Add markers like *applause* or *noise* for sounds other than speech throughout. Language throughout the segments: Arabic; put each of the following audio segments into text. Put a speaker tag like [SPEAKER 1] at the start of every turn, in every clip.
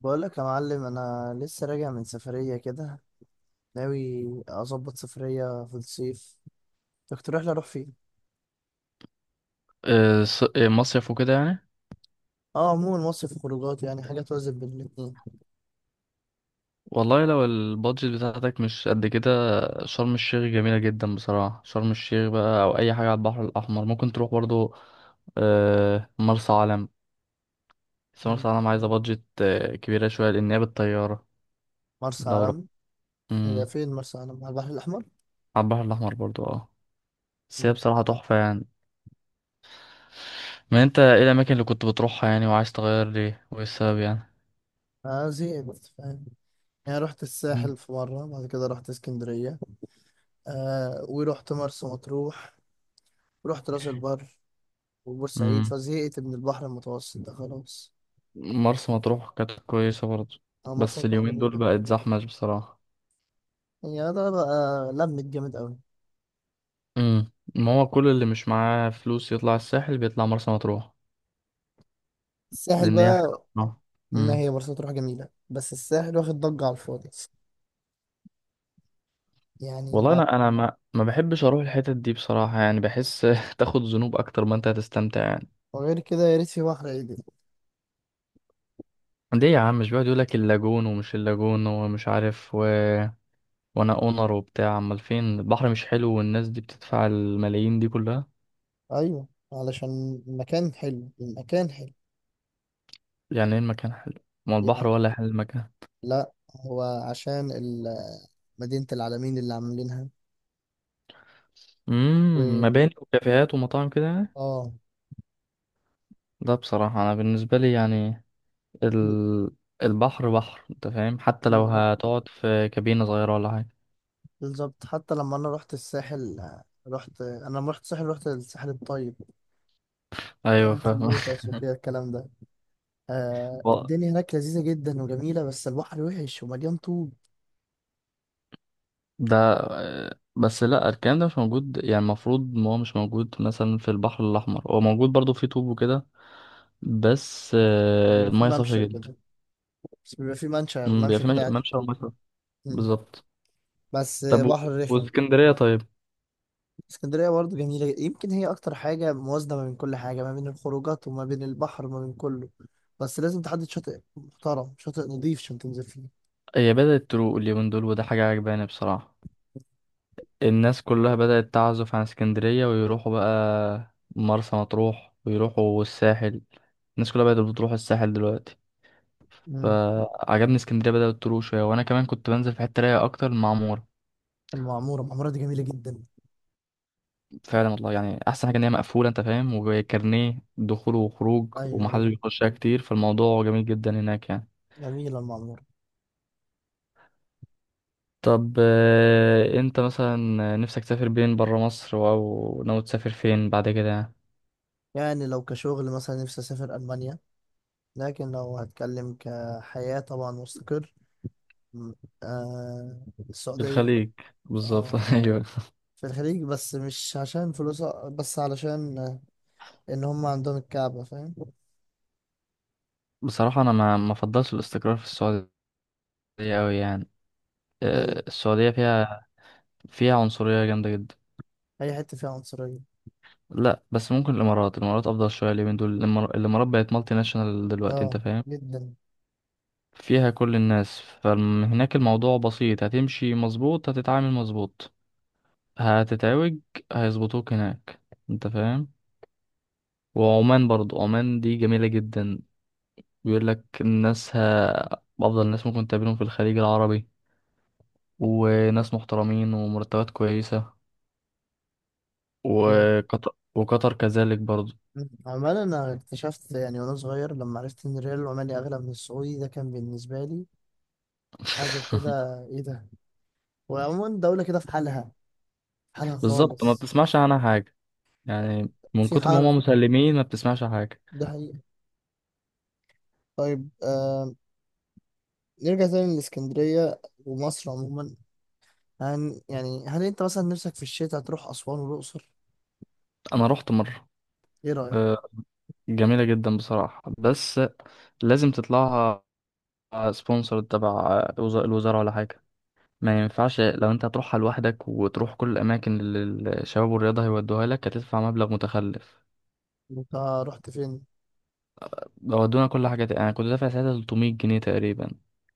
[SPEAKER 1] بقولك يا معلم، انا لسه راجع من سفرية كده. ناوي اظبط سفرية في الصيف. تقترح لي اروح فين؟
[SPEAKER 2] مصيف وكده يعني.
[SPEAKER 1] اه، عموما مصيف خروجات، يعني حاجة توازن بين الاتنين.
[SPEAKER 2] والله لو البادجت بتاعتك مش قد كده، شرم الشيخ جميلة جدا بصراحة. شرم الشيخ بقى أو أي حاجة على البحر الأحمر ممكن تروح برضو. مرسى علم. بس
[SPEAKER 1] مم.
[SPEAKER 2] مرسى علم عايزة بادجت كبيرة شوية لأن هي بالطيارة.
[SPEAKER 1] مرسى
[SPEAKER 2] دورة.
[SPEAKER 1] علم؟ هي
[SPEAKER 2] مم.
[SPEAKER 1] فين مرسى علم؟ على البحر الاحمر.
[SPEAKER 2] على البحر الأحمر برضو اه. بس هي
[SPEAKER 1] مم.
[SPEAKER 2] بصراحة تحفة يعني. ما أنت إيه الأماكن اللي كنت بتروحها يعني، وعايز تغير ليه وإيه السبب يعني؟
[SPEAKER 1] انا زهقت فاهم. يعني رحت
[SPEAKER 2] مم.
[SPEAKER 1] الساحل في مرة، بعد كده رحت اسكندرية، آه ورحت مرسى مطروح، ورحت راس البر، وبورسعيد،
[SPEAKER 2] مم.
[SPEAKER 1] فزهقت من البحر المتوسط ده خلاص.
[SPEAKER 2] مرسى مطروح كانت كويسة برضو.
[SPEAKER 1] اه مرسى
[SPEAKER 2] بس
[SPEAKER 1] مطروح
[SPEAKER 2] اليومين دول
[SPEAKER 1] جميلة.
[SPEAKER 2] بقت زحمة بصراحة.
[SPEAKER 1] هي ده بقى، لمت جامد قوي.
[SPEAKER 2] ما هو كل اللي مش معاه فلوس يطلع الساحل، بيطلع مرسى مطروح.
[SPEAKER 1] الساحل
[SPEAKER 2] لان هي حلوه
[SPEAKER 1] بقى،
[SPEAKER 2] بصراحة.
[SPEAKER 1] ما
[SPEAKER 2] امم.
[SPEAKER 1] هي مرسى مطروح جميلة بس الساحل واخد ضجة على الفاضي. يعني
[SPEAKER 2] والله
[SPEAKER 1] ما
[SPEAKER 2] انا ما بحبش اروح الحتت دي بصراحه يعني، بحس *laughs* تاخد ذنوب اكتر ما انت هتستمتع يعني.
[SPEAKER 1] وغير كده يا ريت في بحر عدل.
[SPEAKER 2] ليه يا عم؟ مش بيقعد يقول لك اللاجون ومش اللاجون ومش عارف وانا اونر وبتاع، امال فين البحر مش حلو، والناس دي بتدفع الملايين دي كلها.
[SPEAKER 1] أيوة، علشان المكان حلو، المكان حلو.
[SPEAKER 2] يعني ايه المكان حلو؟ ما البحر
[SPEAKER 1] يعني،
[SPEAKER 2] ولا حلو المكان.
[SPEAKER 1] لا، هو عشان مدينة العالمين اللي عاملينها وال
[SPEAKER 2] مباني وكافيهات ومطاعم كده يعني.
[SPEAKER 1] اه.
[SPEAKER 2] ده بصراحه انا بالنسبه لي يعني ال... البحر بحر انت فاهم، حتى لو
[SPEAKER 1] بالظبط،
[SPEAKER 2] هتقعد في كابينة صغيرة ولا حاجة.
[SPEAKER 1] بالظبط. حتى لما أنا رحت الساحل، رحت أنا لما رحت الساحل رحت الساحل الطيب،
[SPEAKER 2] ايوه
[SPEAKER 1] قرية
[SPEAKER 2] فاهم. *laughs*
[SPEAKER 1] اللوتس وكده الكلام ده. آه،
[SPEAKER 2] و-
[SPEAKER 1] الدنيا هناك لذيذة جدا وجميلة، بس البحر وحش ومليان طوب.
[SPEAKER 2] ده، بس لا الكلام ده مش موجود يعني، المفروض ان هو مش موجود مثلا، في البحر الاحمر هو موجود برضو، في طوب وكده. بس
[SPEAKER 1] بيبقى في
[SPEAKER 2] المية صافية
[SPEAKER 1] ممشى
[SPEAKER 2] جدا.
[SPEAKER 1] كده، بس بيبقى في ممشى
[SPEAKER 2] بيبقى
[SPEAKER 1] ممشى
[SPEAKER 2] في
[SPEAKER 1] كده قاعد
[SPEAKER 2] ممشى
[SPEAKER 1] فيه.
[SPEAKER 2] ومية صافية.
[SPEAKER 1] مم.
[SPEAKER 2] بالظبط.
[SPEAKER 1] بس
[SPEAKER 2] طب
[SPEAKER 1] بحر رخم.
[SPEAKER 2] واسكندرية طيب.
[SPEAKER 1] اسكندرية برضه جميلة، يمكن هي أكتر حاجة موازنة ما بين كل حاجة، ما بين الخروجات وما بين البحر وما بين كله. بس لازم تحدد شاطئ محترم، شاطئ نظيف عشان تنزل فيه.
[SPEAKER 2] هي بدأت تروق اليومين دول، وده حاجة عجباني بصراحة. الناس كلها بدأت تعزف عن اسكندرية ويروحوا بقى مرسى مطروح ويروحوا الساحل. الناس كلها بقت بتروح الساحل دلوقتي.
[SPEAKER 1] مم.
[SPEAKER 2] فعجبني اسكندرية بدأت تروح شوية، وأنا كمان كنت بنزل في حتة رايقة أكتر، المعمورة.
[SPEAKER 1] المعمورة، المعمورة دي جميلة جدا.
[SPEAKER 2] فعلا والله، يعني أحسن حاجة إن هي مقفولة، أنت فاهم، وكارنيه دخول وخروج
[SPEAKER 1] أيوه
[SPEAKER 2] ومحدش
[SPEAKER 1] أيوه،
[SPEAKER 2] بيخشها كتير، فالموضوع جميل جدا هناك يعني.
[SPEAKER 1] جميلة المعمورة.
[SPEAKER 2] طب، أنت مثلا، نفسك تسافر بين برا مصر، أو ناوي تسافر فين بعد كده يعني؟
[SPEAKER 1] يعني لو كشغل مثلا، نفسي أسافر ألمانيا. لكن لو هتكلم كحياة، طبعا مستقر، مم. آه، السعودية.
[SPEAKER 2] الخليج. بالظبط،
[SPEAKER 1] اه،
[SPEAKER 2] *laughs* أيوه.
[SPEAKER 1] في الخليج، بس مش عشان فلوسها، بس علشان ان هم عندهم الكعبة، فاهم؟
[SPEAKER 2] بصراحة أنا ما أفضلش الاستقرار في السعودية أوي يعني.
[SPEAKER 1] ده ليه؟
[SPEAKER 2] السعودية فيها عنصرية جامدة جدا.
[SPEAKER 1] اي حتة فيها عنصرية.
[SPEAKER 2] لا بس ممكن الإمارات، الإمارات أفضل شوية اليومين دول، الإمارات بقت مالتي ناشونال دلوقتي، أنت
[SPEAKER 1] اه
[SPEAKER 2] فاهم.
[SPEAKER 1] جدا.
[SPEAKER 2] فيها كل الناس، فهناك الموضوع بسيط، هتمشي مظبوط هتتعامل مظبوط. هتتعوج، هيظبطوك هناك، أنت فاهم. وعمان برضو، عمان دي جميلة جدا. بيقولك الناسها أفضل ناس ممكن تقابلهم في الخليج العربي، وناس محترمين ومرتبات كويسة.
[SPEAKER 1] لا.
[SPEAKER 2] وقطر كذلك برضو.
[SPEAKER 1] عمال انا اكتشفت يعني وانا صغير لما عرفت ان الريال العماني اغلى من السعودي، ده كان بالنسبة لي حاجة
[SPEAKER 2] *laughs*
[SPEAKER 1] كده، ايه ده؟ وعموما دولة كده في حالها، في حالها
[SPEAKER 2] بالظبط، ما
[SPEAKER 1] خالص.
[SPEAKER 2] بتسمعش عنها حاجة، يعني من
[SPEAKER 1] في
[SPEAKER 2] كتر ما
[SPEAKER 1] حرب،
[SPEAKER 2] هم مسلمين ما بتسمعش حاجة.
[SPEAKER 1] ده حقيقة. طيب آه، نرجع تاني للإسكندرية ومصر عموما. هن يعني، هل انت مثلا نفسك في الشتاء تروح أسوان والأقصر؟
[SPEAKER 2] أنا رحت مرة.
[SPEAKER 1] ايه رأيك؟
[SPEAKER 2] آه، جميلة جدا بصراحة، بس لازم تطلعها سبونسر تبع الوزارة ولا حاجة. ما ينفعش لو انت هتروحها لوحدك وتروح كل الأماكن اللي الشباب والرياضة هيودوها لك، هتدفع مبلغ متخلف.
[SPEAKER 1] انت رحت فين؟
[SPEAKER 2] ودونا كل حاجة، أنا كنت دافع ساعتها 300 جنيه تقريبا،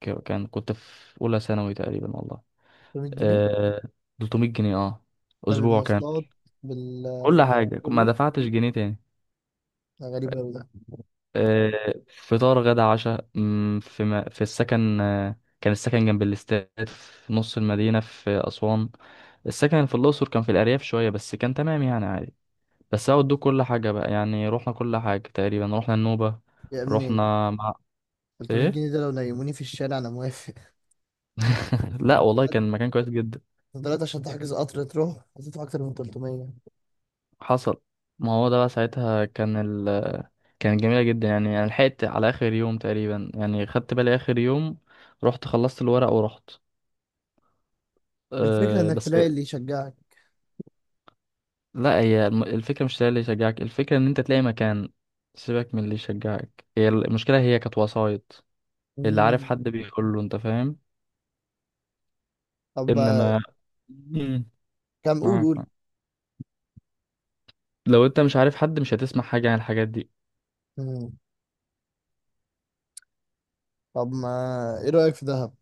[SPEAKER 2] كان كنت في أولى ثانوي تقريبا والله.
[SPEAKER 1] 300 جنيه؟
[SPEAKER 2] آه 300 جنيه، اه.
[SPEAKER 1] ده
[SPEAKER 2] اسبوع كامل.
[SPEAKER 1] بالمواصلات،
[SPEAKER 2] كل
[SPEAKER 1] بالخروجات
[SPEAKER 2] حاجه، ما
[SPEAKER 1] كله؟
[SPEAKER 2] دفعتش جنيه تاني.
[SPEAKER 1] ده غريب أوي ده.
[SPEAKER 2] آه فطار غدا عشاء، في ما في السكن، كان السكن جنب الاستاد في نص المدينه في اسوان. السكن في الاقصر كان في الارياف شويه، بس كان تمام يعني، عادي. بس هو ادوك كل حاجه بقى يعني، رحنا كل حاجه تقريبا، رحنا النوبه،
[SPEAKER 1] يا ابني،
[SPEAKER 2] رحنا مع.
[SPEAKER 1] 300
[SPEAKER 2] ايه.
[SPEAKER 1] جنيه ده لو نيموني في الشارع أنا موافق.
[SPEAKER 2] *laughs* لا والله كان مكان كويس جدا.
[SPEAKER 1] دلوقتي عشان تحجز قطر تروح هتدفع أكتر من 300.
[SPEAKER 2] حصل. ما هو ده بقى ساعتها كان ال كانت جميلة جدا يعني لحقت على آخر يوم تقريبا يعني، خدت بالي آخر يوم، رحت خلصت الورق ورحت.
[SPEAKER 1] الفكرة
[SPEAKER 2] أه
[SPEAKER 1] إنك
[SPEAKER 2] بس.
[SPEAKER 1] تلاقي اللي يشجعك.
[SPEAKER 2] لا هي الفكرة مش ده اللي يشجعك، الفكرة إن أنت تلاقي مكان، سيبك من اللي يشجعك، هي المشكلة هي كانت وسايط. اللي عارف
[SPEAKER 1] مم.
[SPEAKER 2] حد بيقول له، أنت فاهم،
[SPEAKER 1] طب ما-
[SPEAKER 2] إنما. مم.
[SPEAKER 1] كم، قول
[SPEAKER 2] معاك
[SPEAKER 1] قول.
[SPEAKER 2] معاك. لو أنت مش عارف حد، مش هتسمع حاجة عن الحاجات دي.
[SPEAKER 1] مم. طب ما إيه رأيك في دهب؟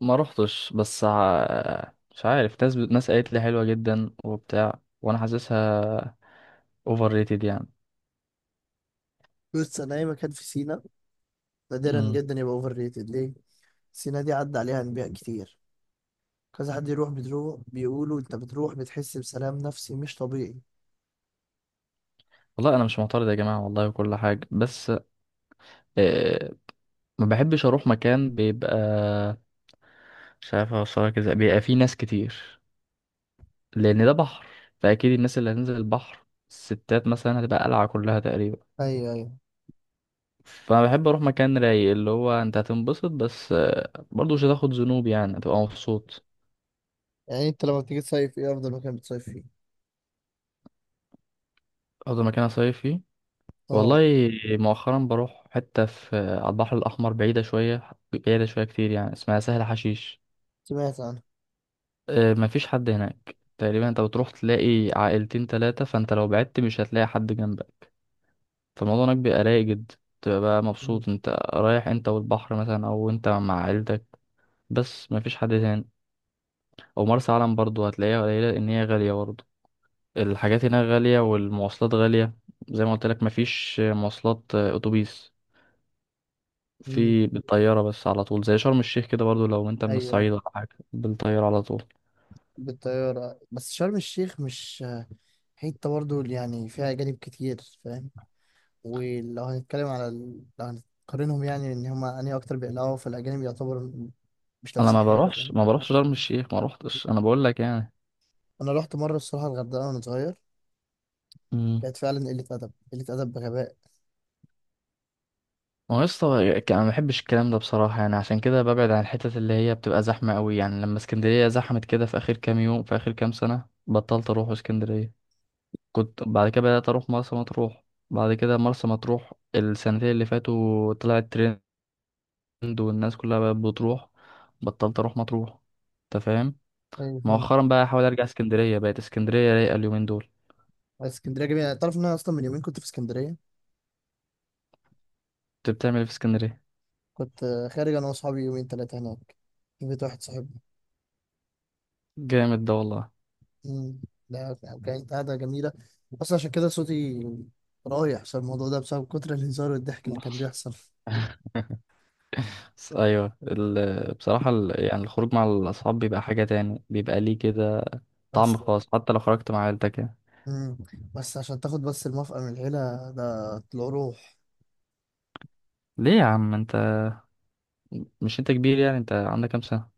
[SPEAKER 2] ما روحتش، بس مش عارف، ناس قالت لي حلوة جدا وبتاع، وانا حاسسها اوفر ريتد يعني.
[SPEAKER 1] بص، أنا أي مكان في سينا نادرا
[SPEAKER 2] مم.
[SPEAKER 1] جدا يبقى أوفر ريتد. ليه؟ سينا دي عدى عليها أنبياء كتير. كذا حد يروح، بتروح بيقولوا أنت بتروح بتحس بسلام نفسي مش طبيعي.
[SPEAKER 2] والله انا مش معترض يا جماعة والله، وكل حاجة، بس آه ما بحبش اروح مكان بيبقى، مش عارف اوصلك ازاي، بيبقى فيه ناس كتير، لان ده بحر، فاكيد الناس اللي هتنزل البحر، الستات مثلا هتبقى قلعة كلها تقريبا.
[SPEAKER 1] أيوه أيوه.
[SPEAKER 2] فانا بحب اروح مكان رايق، اللي هو انت هتنبسط، بس برضه مش هتاخد ذنوب يعني، هتبقى مبسوط.
[SPEAKER 1] يعني انت لما بتيجي تصيف ايه افضل مكان بتصيف فيه؟
[SPEAKER 2] افضل مكان اصيف فيه،
[SPEAKER 1] اه.
[SPEAKER 2] والله مؤخرا بروح حتة في على البحر الأحمر، بعيدة شوية، بعيدة شوية كتير يعني، اسمها سهل حشيش.
[SPEAKER 1] سمعت عنه.
[SPEAKER 2] مفيش حد هناك تقريبا، انت بتروح تلاقي عائلتين تلاتة، فانت لو بعدت مش هتلاقي حد جنبك. فالموضوع هناك بيبقى رايق جدا، تبقى بقى
[SPEAKER 1] مم.
[SPEAKER 2] مبسوط، انت رايح انت والبحر مثلا، او انت مع عيلتك، بس مفيش حد تاني. او مرسى علم برضو هتلاقيها قليلة، ان هي غالية برضو، الحاجات هناك غالية والمواصلات غالية. زي ما قلت لك مفيش مواصلات، اتوبيس،
[SPEAKER 1] مم.
[SPEAKER 2] في بالطيارة بس على طول زي شرم الشيخ كده برضو، لو انت من
[SPEAKER 1] ايوه،
[SPEAKER 2] الصعيد ولا حاجة بالطيارة على طول.
[SPEAKER 1] بالطياره. بس شرم الشيخ مش حته برضه اللي يعني فيها اجانب كتير، فاهم؟ ولو هنتكلم على ال... لو هنقارنهم يعني ان هما انهي اكتر بيقلقوا، فالاجانب يعتبر م- مش
[SPEAKER 2] انا
[SPEAKER 1] لابسين
[SPEAKER 2] ما
[SPEAKER 1] حاجه،
[SPEAKER 2] بروحش
[SPEAKER 1] فاهم؟
[SPEAKER 2] ما بروحش شرم الشيخ، ما روحتش، انا بقول لك يعني.
[SPEAKER 1] انا رحت مره الصراحه الغردقه وانا صغير.
[SPEAKER 2] امم.
[SPEAKER 1] كانت فعلا قله ادب، قله ادب بغباء.
[SPEAKER 2] ما هو يا اسطى، انا ما بحبش الكلام ده بصراحة يعني، عشان كده ببعد عن الحتت اللي هي بتبقى زحمة قوي، يعني لما اسكندرية زحمت كده في اخر كام يوم، في اخر كام سنة بطلت اروح اسكندرية، كنت بعد كده بدأت اروح مرسى مطروح. بعد كده مرسى مطروح السنتين اللي فاتوا طلعت ترند، والناس كلها بقت بتروح، بطلت اروح مطروح، انت فاهم.
[SPEAKER 1] ايوه فاهم.
[SPEAKER 2] مؤخرا بقى احاول ارجع اسكندريه، بقت اسكندريه رايقه اليومين دول.
[SPEAKER 1] بس اسكندريه جميله. تعرف ان انا اصلا من يومين كنت في اسكندريه.
[SPEAKER 2] انت بتعمل ايه في اسكندريه؟
[SPEAKER 1] كنت خارج انا واصحابي، يومين ثلاثه هناك في بيت واحد صاحبي.
[SPEAKER 2] جامد ده والله.
[SPEAKER 1] مم. لا، كانت قاعدة جميلة. بس عشان كده صوتي رايح، عشان الموضوع ده بسبب كتر الهزار والضحك اللي كان بيحصل.
[SPEAKER 2] بس ايوه بصراحه يعني الخروج مع الاصحاب بيبقى حاجه تاني، بيبقى ليه كده طعم
[SPEAKER 1] بس.
[SPEAKER 2] خاص، حتى لو خرجت مع عيلتك يعني.
[SPEAKER 1] مم. بس عشان تاخد بس الموافقة من العيلة، ده طلع روح.
[SPEAKER 2] ليه يا عم انت، مش انت كبير يعني، انت عندك كام سنه؟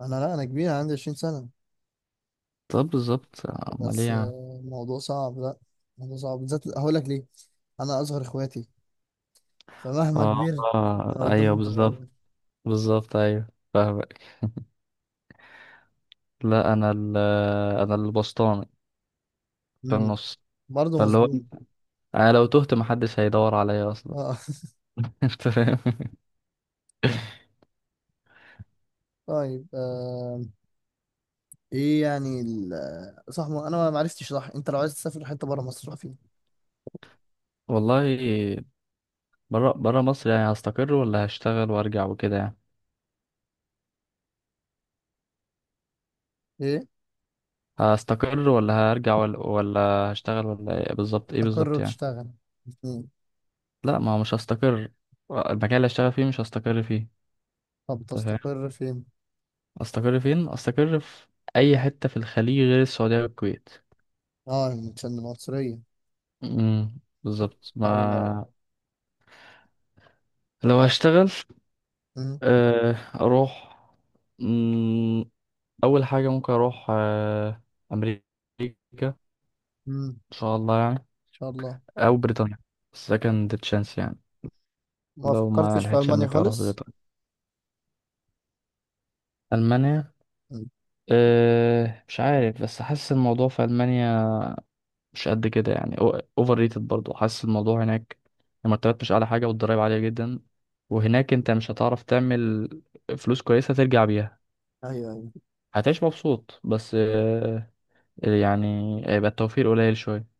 [SPEAKER 1] أنا، لا، أنا كبير، عندي 20 سنة.
[SPEAKER 2] طب بالظبط، امال ايه
[SPEAKER 1] بس
[SPEAKER 2] يا عم.
[SPEAKER 1] آه، الموضوع صعب. لا، الموضوع صعب، بالذات هقول لك ليه. أنا أصغر إخواتي، فمهما
[SPEAKER 2] اه،
[SPEAKER 1] كبرت أنا
[SPEAKER 2] ايوه
[SPEAKER 1] قدامهم
[SPEAKER 2] بالظبط.
[SPEAKER 1] صغير.
[SPEAKER 2] بالظبط ايوه، فاهمك. لا انا انا البسطاني في
[SPEAKER 1] مم.
[SPEAKER 2] النص،
[SPEAKER 1] برضه
[SPEAKER 2] فاللي هو
[SPEAKER 1] مظلوم.
[SPEAKER 2] انا لو تهت محدش هيدور عليا اصلا.
[SPEAKER 1] آه.
[SPEAKER 2] *laughs* انت فاهم.
[SPEAKER 1] *laughs* طيب آه. إيه يعني صح، ما أنا ما عرفتش، صح أنت لو عايز تسافر حتة بره مصر روح فين؟
[SPEAKER 2] والله، برا برا مصر يعني، هستقر ولا هشتغل وارجع وكده يعني؟
[SPEAKER 1] ايه،
[SPEAKER 2] هستقر ولا هرجع، ولا هشتغل، ولا ايه بالظبط، ايه
[SPEAKER 1] تستقر
[SPEAKER 2] بالظبط يعني.
[SPEAKER 1] وتشتغل، الاثنين.
[SPEAKER 2] لا ما هو مش هستقر، المكان اللي هشتغل فيه مش هستقر فيه.
[SPEAKER 1] طب
[SPEAKER 2] أنت فاهم.
[SPEAKER 1] تستقر فين؟
[SPEAKER 2] استقر فين؟ استقر في اي حتة في الخليج غير السعودية والكويت.
[SPEAKER 1] اه، عشان العنصرية.
[SPEAKER 2] امم، بالظبط،
[SPEAKER 1] او لو،
[SPEAKER 2] ما لو
[SPEAKER 1] اه،
[SPEAKER 2] هشتغل،
[SPEAKER 1] أمم،
[SPEAKER 2] اروح، مم، اول حاجة ممكن اروح امريكا،
[SPEAKER 1] أمم،
[SPEAKER 2] ان
[SPEAKER 1] ان
[SPEAKER 2] شاء الله يعني،
[SPEAKER 1] شاء الله.
[SPEAKER 2] او بريطانيا، سكند تشانس يعني،
[SPEAKER 1] ما
[SPEAKER 2] لو ما
[SPEAKER 1] فكرتش في
[SPEAKER 2] لحقتش
[SPEAKER 1] المانيا
[SPEAKER 2] امريكا اروح
[SPEAKER 1] خالص؟
[SPEAKER 2] بريطانيا. المانيا،
[SPEAKER 1] أمم،
[SPEAKER 2] مش عارف، بس حاسس الموضوع في المانيا مش قد كده يعني، اوفر ريتد برضه حاسس الموضوع هناك، المرتبات مش اعلى حاجه والضرايب عاليه جدا، وهناك انت مش هتعرف تعمل فلوس كويسه ترجع بيها.
[SPEAKER 1] ايوه، أيوة.
[SPEAKER 2] هتعيش مبسوط بس أه، يعني هيبقى التوفير قليل شويه.